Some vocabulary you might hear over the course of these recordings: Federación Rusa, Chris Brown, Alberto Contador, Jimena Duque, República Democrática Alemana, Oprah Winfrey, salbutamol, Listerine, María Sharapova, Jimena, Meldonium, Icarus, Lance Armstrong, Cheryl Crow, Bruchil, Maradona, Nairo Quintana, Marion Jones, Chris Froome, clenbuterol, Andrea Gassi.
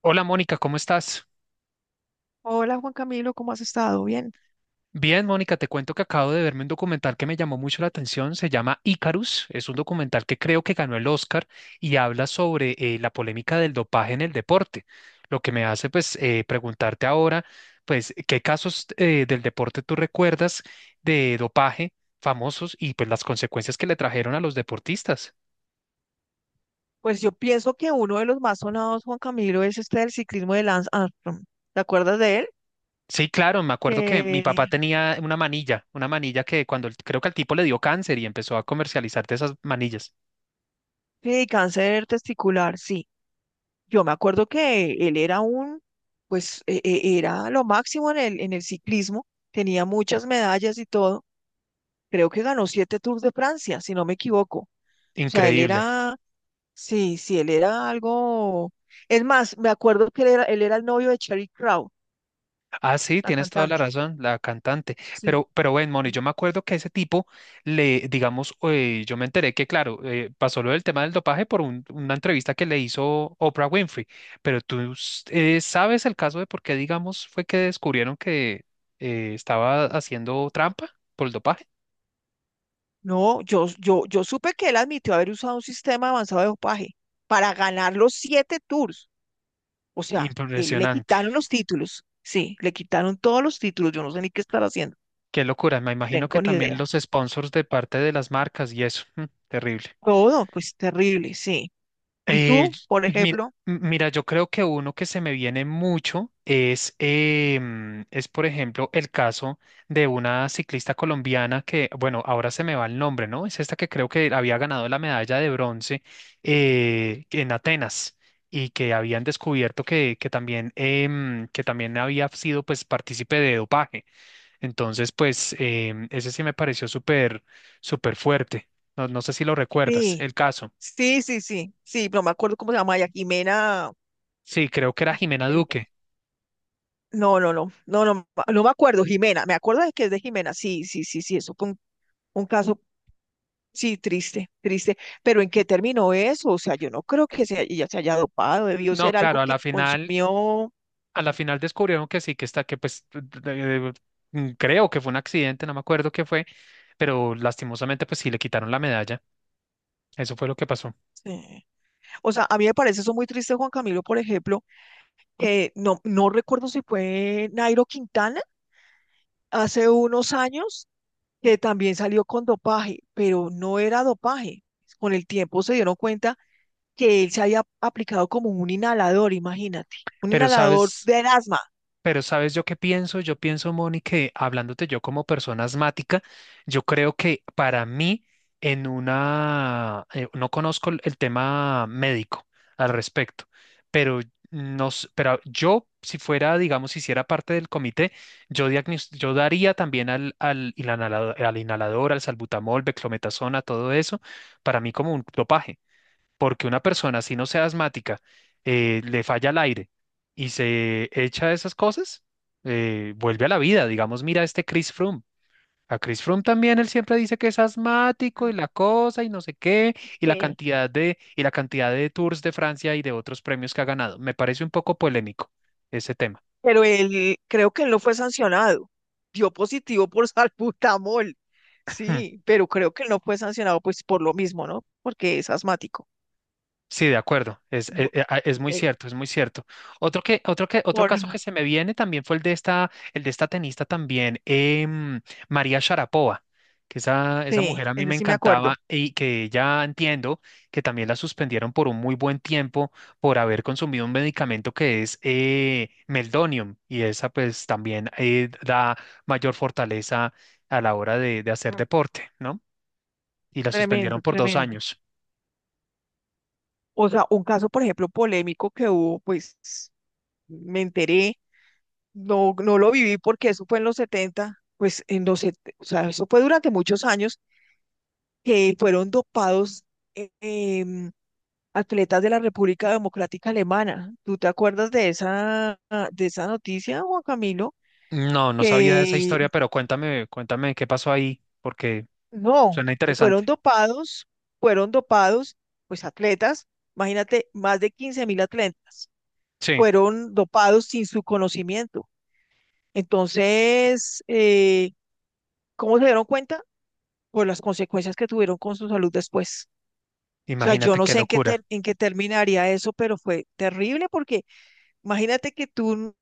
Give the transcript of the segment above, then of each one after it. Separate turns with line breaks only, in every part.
Hola Mónica, ¿cómo estás?
Hola Juan Camilo, ¿cómo has estado? Bien.
Bien, Mónica, te cuento que acabo de verme un documental que me llamó mucho la atención, se llama Icarus, es un documental que creo que ganó el Oscar y habla sobre la polémica del dopaje en el deporte, lo que me hace pues preguntarte ahora, pues, ¿qué casos del deporte tú recuerdas de dopaje famosos y pues las consecuencias que le trajeron a los deportistas?
Pues yo pienso que uno de los más sonados, Juan Camilo, es este del ciclismo de Lance Armstrong. ¿Te acuerdas de él?
Sí, claro, me acuerdo que mi
Que
papá tenía una manilla que cuando creo que al tipo le dio cáncer y empezó a comercializar de esas manillas.
sí, cáncer testicular, sí. Yo me acuerdo que él era un, pues era lo máximo en el ciclismo, tenía muchas medallas y todo. Creo que ganó 7 Tours de Francia, si no me equivoco. O sea, él
Increíble.
era, sí, sí, él era algo. Es más, me acuerdo que él era el novio de Cheryl Crow,
Ah, sí,
la
tienes toda la
cantante.
razón, la cantante.
Sí.
Pero bueno, Moni,
Sí.
yo me acuerdo que ese tipo le, digamos, yo me enteré que, claro, pasó lo del tema del dopaje por una entrevista que le hizo Oprah Winfrey. Pero tú sabes el caso de por qué, digamos, fue que descubrieron que estaba haciendo trampa por el dopaje.
No, yo supe que él admitió haber usado un sistema avanzado de dopaje para ganar los 7 tours. O sea, él le
Impresionante.
quitaron los títulos. Sí, le quitaron todos los títulos. Yo no sé ni qué estar haciendo.
Qué locura. Me imagino que
Tengo ni
también
idea.
los sponsors de parte de las marcas y eso. Terrible.
Todo, pues terrible, sí. ¿Y
Eh,
tú, por
mira,
ejemplo?
mira, yo creo que uno que se me viene mucho es, es, por ejemplo, el caso de una ciclista colombiana que, bueno, ahora se me va el nombre, ¿no? Es esta que creo que había ganado la medalla de bronce en Atenas y que habían descubierto que también, que también había sido, pues, partícipe de dopaje. Entonces, pues, ese sí me pareció súper fuerte. No, no sé si lo recuerdas,
Sí,
el caso.
sí, sí, sí, sí, no me acuerdo cómo se llama ella, Jimena.
Sí, creo que era
Ay,
Jimena
el-
Duque.
no, no, no, no, no, no me acuerdo, Jimena. Me acuerdo de que es de Jimena. Sí, sí, sí, sí, eso fue un caso. Sí, triste, triste. Pero ¿en qué terminó eso? O sea, yo no creo que se, ella se haya dopado, debió
No,
ser
claro,
algo que consumió.
a la final descubrieron que sí, que está, que pues eh, creo que fue un accidente, no me acuerdo qué fue, pero lastimosamente pues sí le quitaron la medalla. Eso fue lo que pasó.
Sí. O sea, a mí me parece eso muy triste, Juan Camilo, por ejemplo, que no, no recuerdo si fue Nairo Quintana hace unos años, que también salió con dopaje, pero no era dopaje. Con el tiempo se dieron cuenta que él se había aplicado como un inhalador, imagínate, un
Pero
inhalador
sabes,
de asma.
Pero ¿sabes yo qué pienso? Yo pienso, Moni, que hablándote yo como persona asmática, yo creo que para mí, en una, no conozco el tema médico al respecto, pero, pero yo, si fuera, digamos, si hiciera parte del comité, yo, yo daría también al inhalador, al salbutamol, beclometasona, todo eso, para mí como un dopaje porque una persona, si no sea asmática, le falla el aire y se echa esas cosas, vuelve a la vida. Digamos, mira este Chris Froome. A Chris Froome también él siempre dice que es asmático y la cosa y no sé qué,
Sí.
y la cantidad de Tours de Francia y de otros premios que ha ganado. Me parece un poco polémico ese tema.
Pero él, creo que él no fue sancionado. Dio positivo por salbutamol. Sí, pero creo que él no fue sancionado pues por lo mismo, ¿no? Porque es asmático.
Sí, de acuerdo, es,
Bu-
es muy
eh,
cierto, es muy cierto. Otro
por,
caso que se me viene también fue el de esta tenista también, María Sharapova, que esa
sí,
mujer a mí
ese
me
sí me acuerdo.
encantaba y que ya entiendo que también la suspendieron por un muy buen tiempo por haber consumido un medicamento que es Meldonium y esa pues también da mayor fortaleza a la hora de hacer
Mm,
deporte, ¿no? Y la suspendieron
Tremendo,
por dos
tremendo.
años.
O sea, un caso, por ejemplo, polémico que hubo, pues me enteré, no, no lo viví porque eso fue en los 70, pues en los, o sea, eso fue durante muchos años que fueron dopados, eh, em, atletas de la República Democrática Alemana. ¿Tú te acuerdas de esa noticia, Juan Camilo?
No, no sabía de esa
Que
historia, pero cuéntame, cuéntame qué pasó ahí, porque
no,
suena interesante.
fueron dopados, pues atletas, imagínate, más de 15.000 atletas
Sí,
fueron dopados sin su conocimiento. Entonces, ¿cómo se dieron cuenta? Por las consecuencias que tuvieron con su salud después. O sea, yo
imagínate
no
qué
sé en qué,
locura.
en qué terminaría eso, pero fue terrible porque imagínate que tú,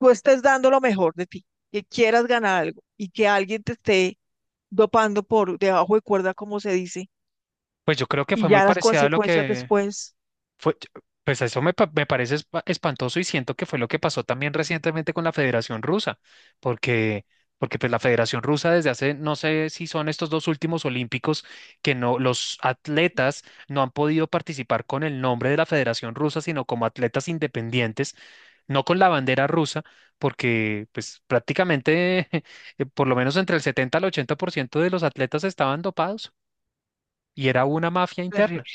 tú estés dando lo mejor de ti, que quieras ganar algo y que alguien te esté dopando por debajo de cuerda, como se dice,
Pues yo creo que
y
fue muy
ya las
parecida a lo
consecuencias
que,
después,
fue, pues eso me, me parece espantoso y siento que fue lo que pasó también recientemente con la Federación Rusa, porque, porque pues la Federación Rusa desde hace, no sé si son estos dos últimos olímpicos, que no, los atletas no han podido participar con el nombre de la Federación Rusa, sino como atletas independientes, no con la bandera rusa, porque pues prácticamente, por lo menos entre el 70 al 80% de los atletas estaban dopados y era una mafia interna.
terrible,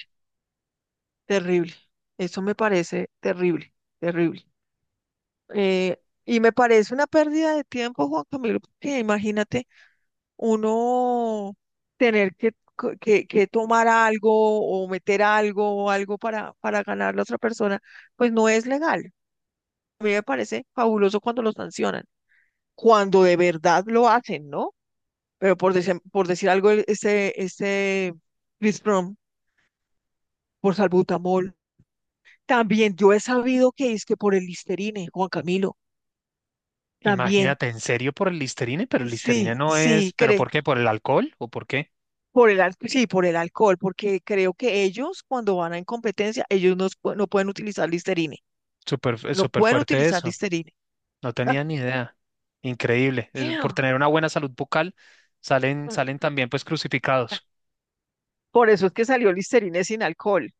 terrible. Eso me parece terrible, terrible. Y me parece una pérdida de tiempo, Juan Camilo, porque imagínate uno tener que, que tomar algo o meter algo o algo para ganar a la otra persona, pues no es legal. A mí me parece fabuloso cuando los sancionan, cuando de verdad lo hacen, ¿no? Pero por, por decir algo, este Chris Brown, por salbutamol, también yo he sabido que es que por el Listerine, Juan Camilo, también,
Imagínate, en serio por el Listerine, pero el Listerine
sí,
no es, ¿pero por qué? ¿Por el alcohol o por qué?
por el, sí, por el alcohol, porque creo que ellos cuando van a en competencia, ellos no, no pueden utilizar Listerine,
Súper,
no
súper
pueden
fuerte
utilizar
eso.
Listerine.
No tenía ni idea. Increíble. Es por tener una buena salud bucal, salen también pues crucificados.
Por eso es que salió Listerine sin alcohol.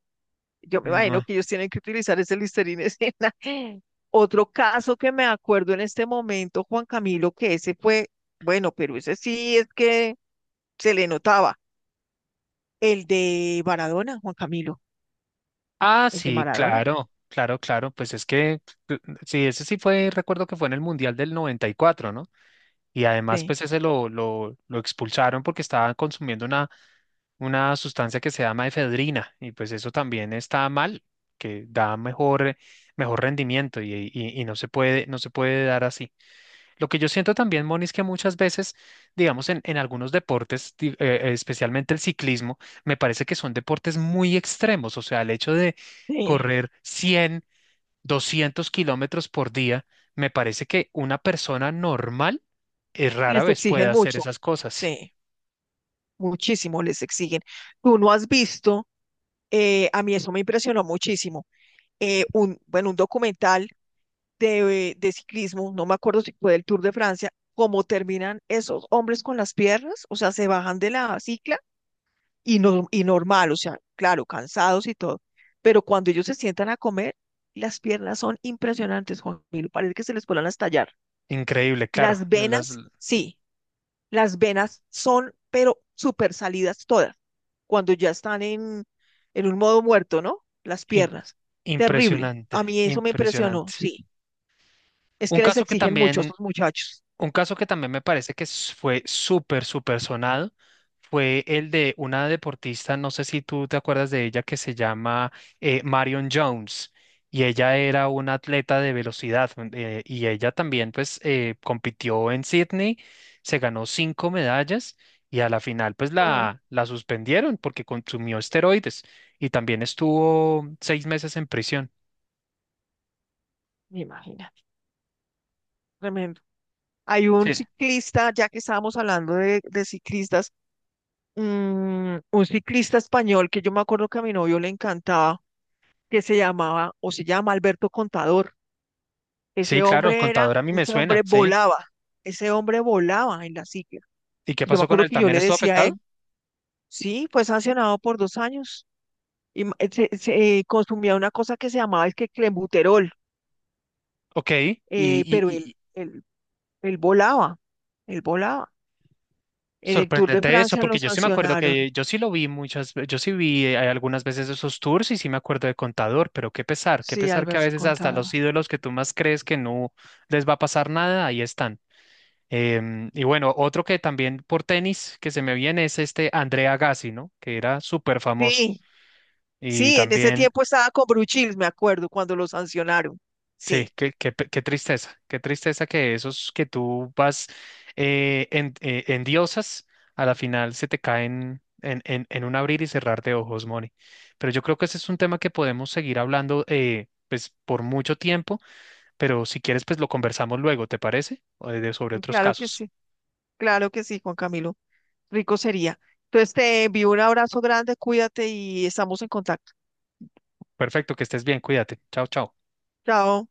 Yo me
Mm.
imagino que ellos tienen que utilizar ese Listerine escena. Otro caso que me acuerdo en este momento, Juan Camilo, que ese fue, bueno, pero ese sí es que se le notaba. El de Maradona, Juan Camilo,
Ah,
el de
sí,
Maradona,
claro, claro, claro. Pues es que, sí, ese sí fue, recuerdo que fue en el Mundial del 94, ¿no? Y además,
sí,
pues ese lo expulsaron porque estaba consumiendo una sustancia que se llama efedrina y pues eso también está mal, que da mejor, mejor rendimiento y no se puede, no se puede dar así. Lo que yo siento también, Moni, es que muchas veces, digamos, en algunos deportes, especialmente el ciclismo, me parece que son deportes muy extremos, o sea, el hecho de
sí,
correr 100 200 kilómetros por día, me parece que una persona normal rara
les
vez puede
exigen
hacer
mucho,
esas cosas.
sí, muchísimo les exigen. Tú no has visto, a mí eso me impresionó muchísimo, bueno, un documental de ciclismo, no me acuerdo si fue del Tour de Francia, cómo terminan esos hombres con las piernas, o sea, se bajan de la cicla y, no, y normal, o sea, claro, cansados y todo, pero cuando ellos se sientan a comer, las piernas son impresionantes, Juan Milo, parece que se les puedan a estallar.
Increíble, claro.
Las
De las,
venas, sí, las venas son, pero súper salidas todas, cuando ya están en un modo muerto, ¿no? Las piernas, terrible.
impresionante,
A mí eso me impresionó,
impresionante.
sí. Es
Un
que les
caso que
exigen mucho a
también,
estos muchachos.
un caso que también me parece que fue súper, súper sonado fue el de una deportista, no sé si tú te acuerdas de ella, que se llama Marion Jones. Y ella era una atleta de velocidad y ella también pues compitió en Sydney, se ganó 5 medallas y a la final pues
Mm,
la suspendieron porque consumió esteroides y también estuvo 6 meses en prisión.
imagínate, tremendo. Hay un
Sí.
ciclista, ya que estábamos hablando de ciclistas, mm, un ciclista español que yo me acuerdo que a mi novio le encantaba, que se llamaba o se llama Alberto Contador.
Sí,
Ese
claro,
hombre era,
contador a mí me suena, ¿sí?
ese hombre volaba en la silla.
¿Y qué
Yo me
pasó con
acuerdo
él?
que yo
¿También
le
estuvo
decía a
afectado?
él, sí, fue sancionado por 2 años y consumía una cosa que se llamaba es que clenbuterol,
Ok,
pero él, él volaba, él volaba. En el Tour de
sorprendente eso,
Francia
porque
lo
yo sí me acuerdo
sancionaron,
que yo sí lo vi muchas veces, yo sí vi algunas veces esos tours y sí me acuerdo de contador, pero qué
sí,
pesar que a
Alberto
veces hasta
Contador.
los ídolos que tú más crees que no les va a pasar nada, ahí están. Y bueno, otro que también por tenis que se me viene es este Andrea Gassi, ¿no? Que era súper famoso.
Sí,
Y
sí, en ese
también
tiempo estaba con Bruchil, me acuerdo, cuando lo sancionaron.
sí,
Sí,
qué, qué tristeza que esos que tú vas en diosas, a la final se te caen en un abrir y cerrar de ojos, Moni. Pero yo creo que ese es un tema que podemos seguir hablando pues, por mucho tiempo, pero si quieres, pues lo conversamos luego, ¿te parece? O de, sobre otros
claro que
casos.
sí. Claro que sí, Juan Camilo. Rico sería. Entonces te envío un abrazo grande, cuídate y estamos en contacto.
Perfecto, que estés bien, cuídate. Chao, chao.
Chao.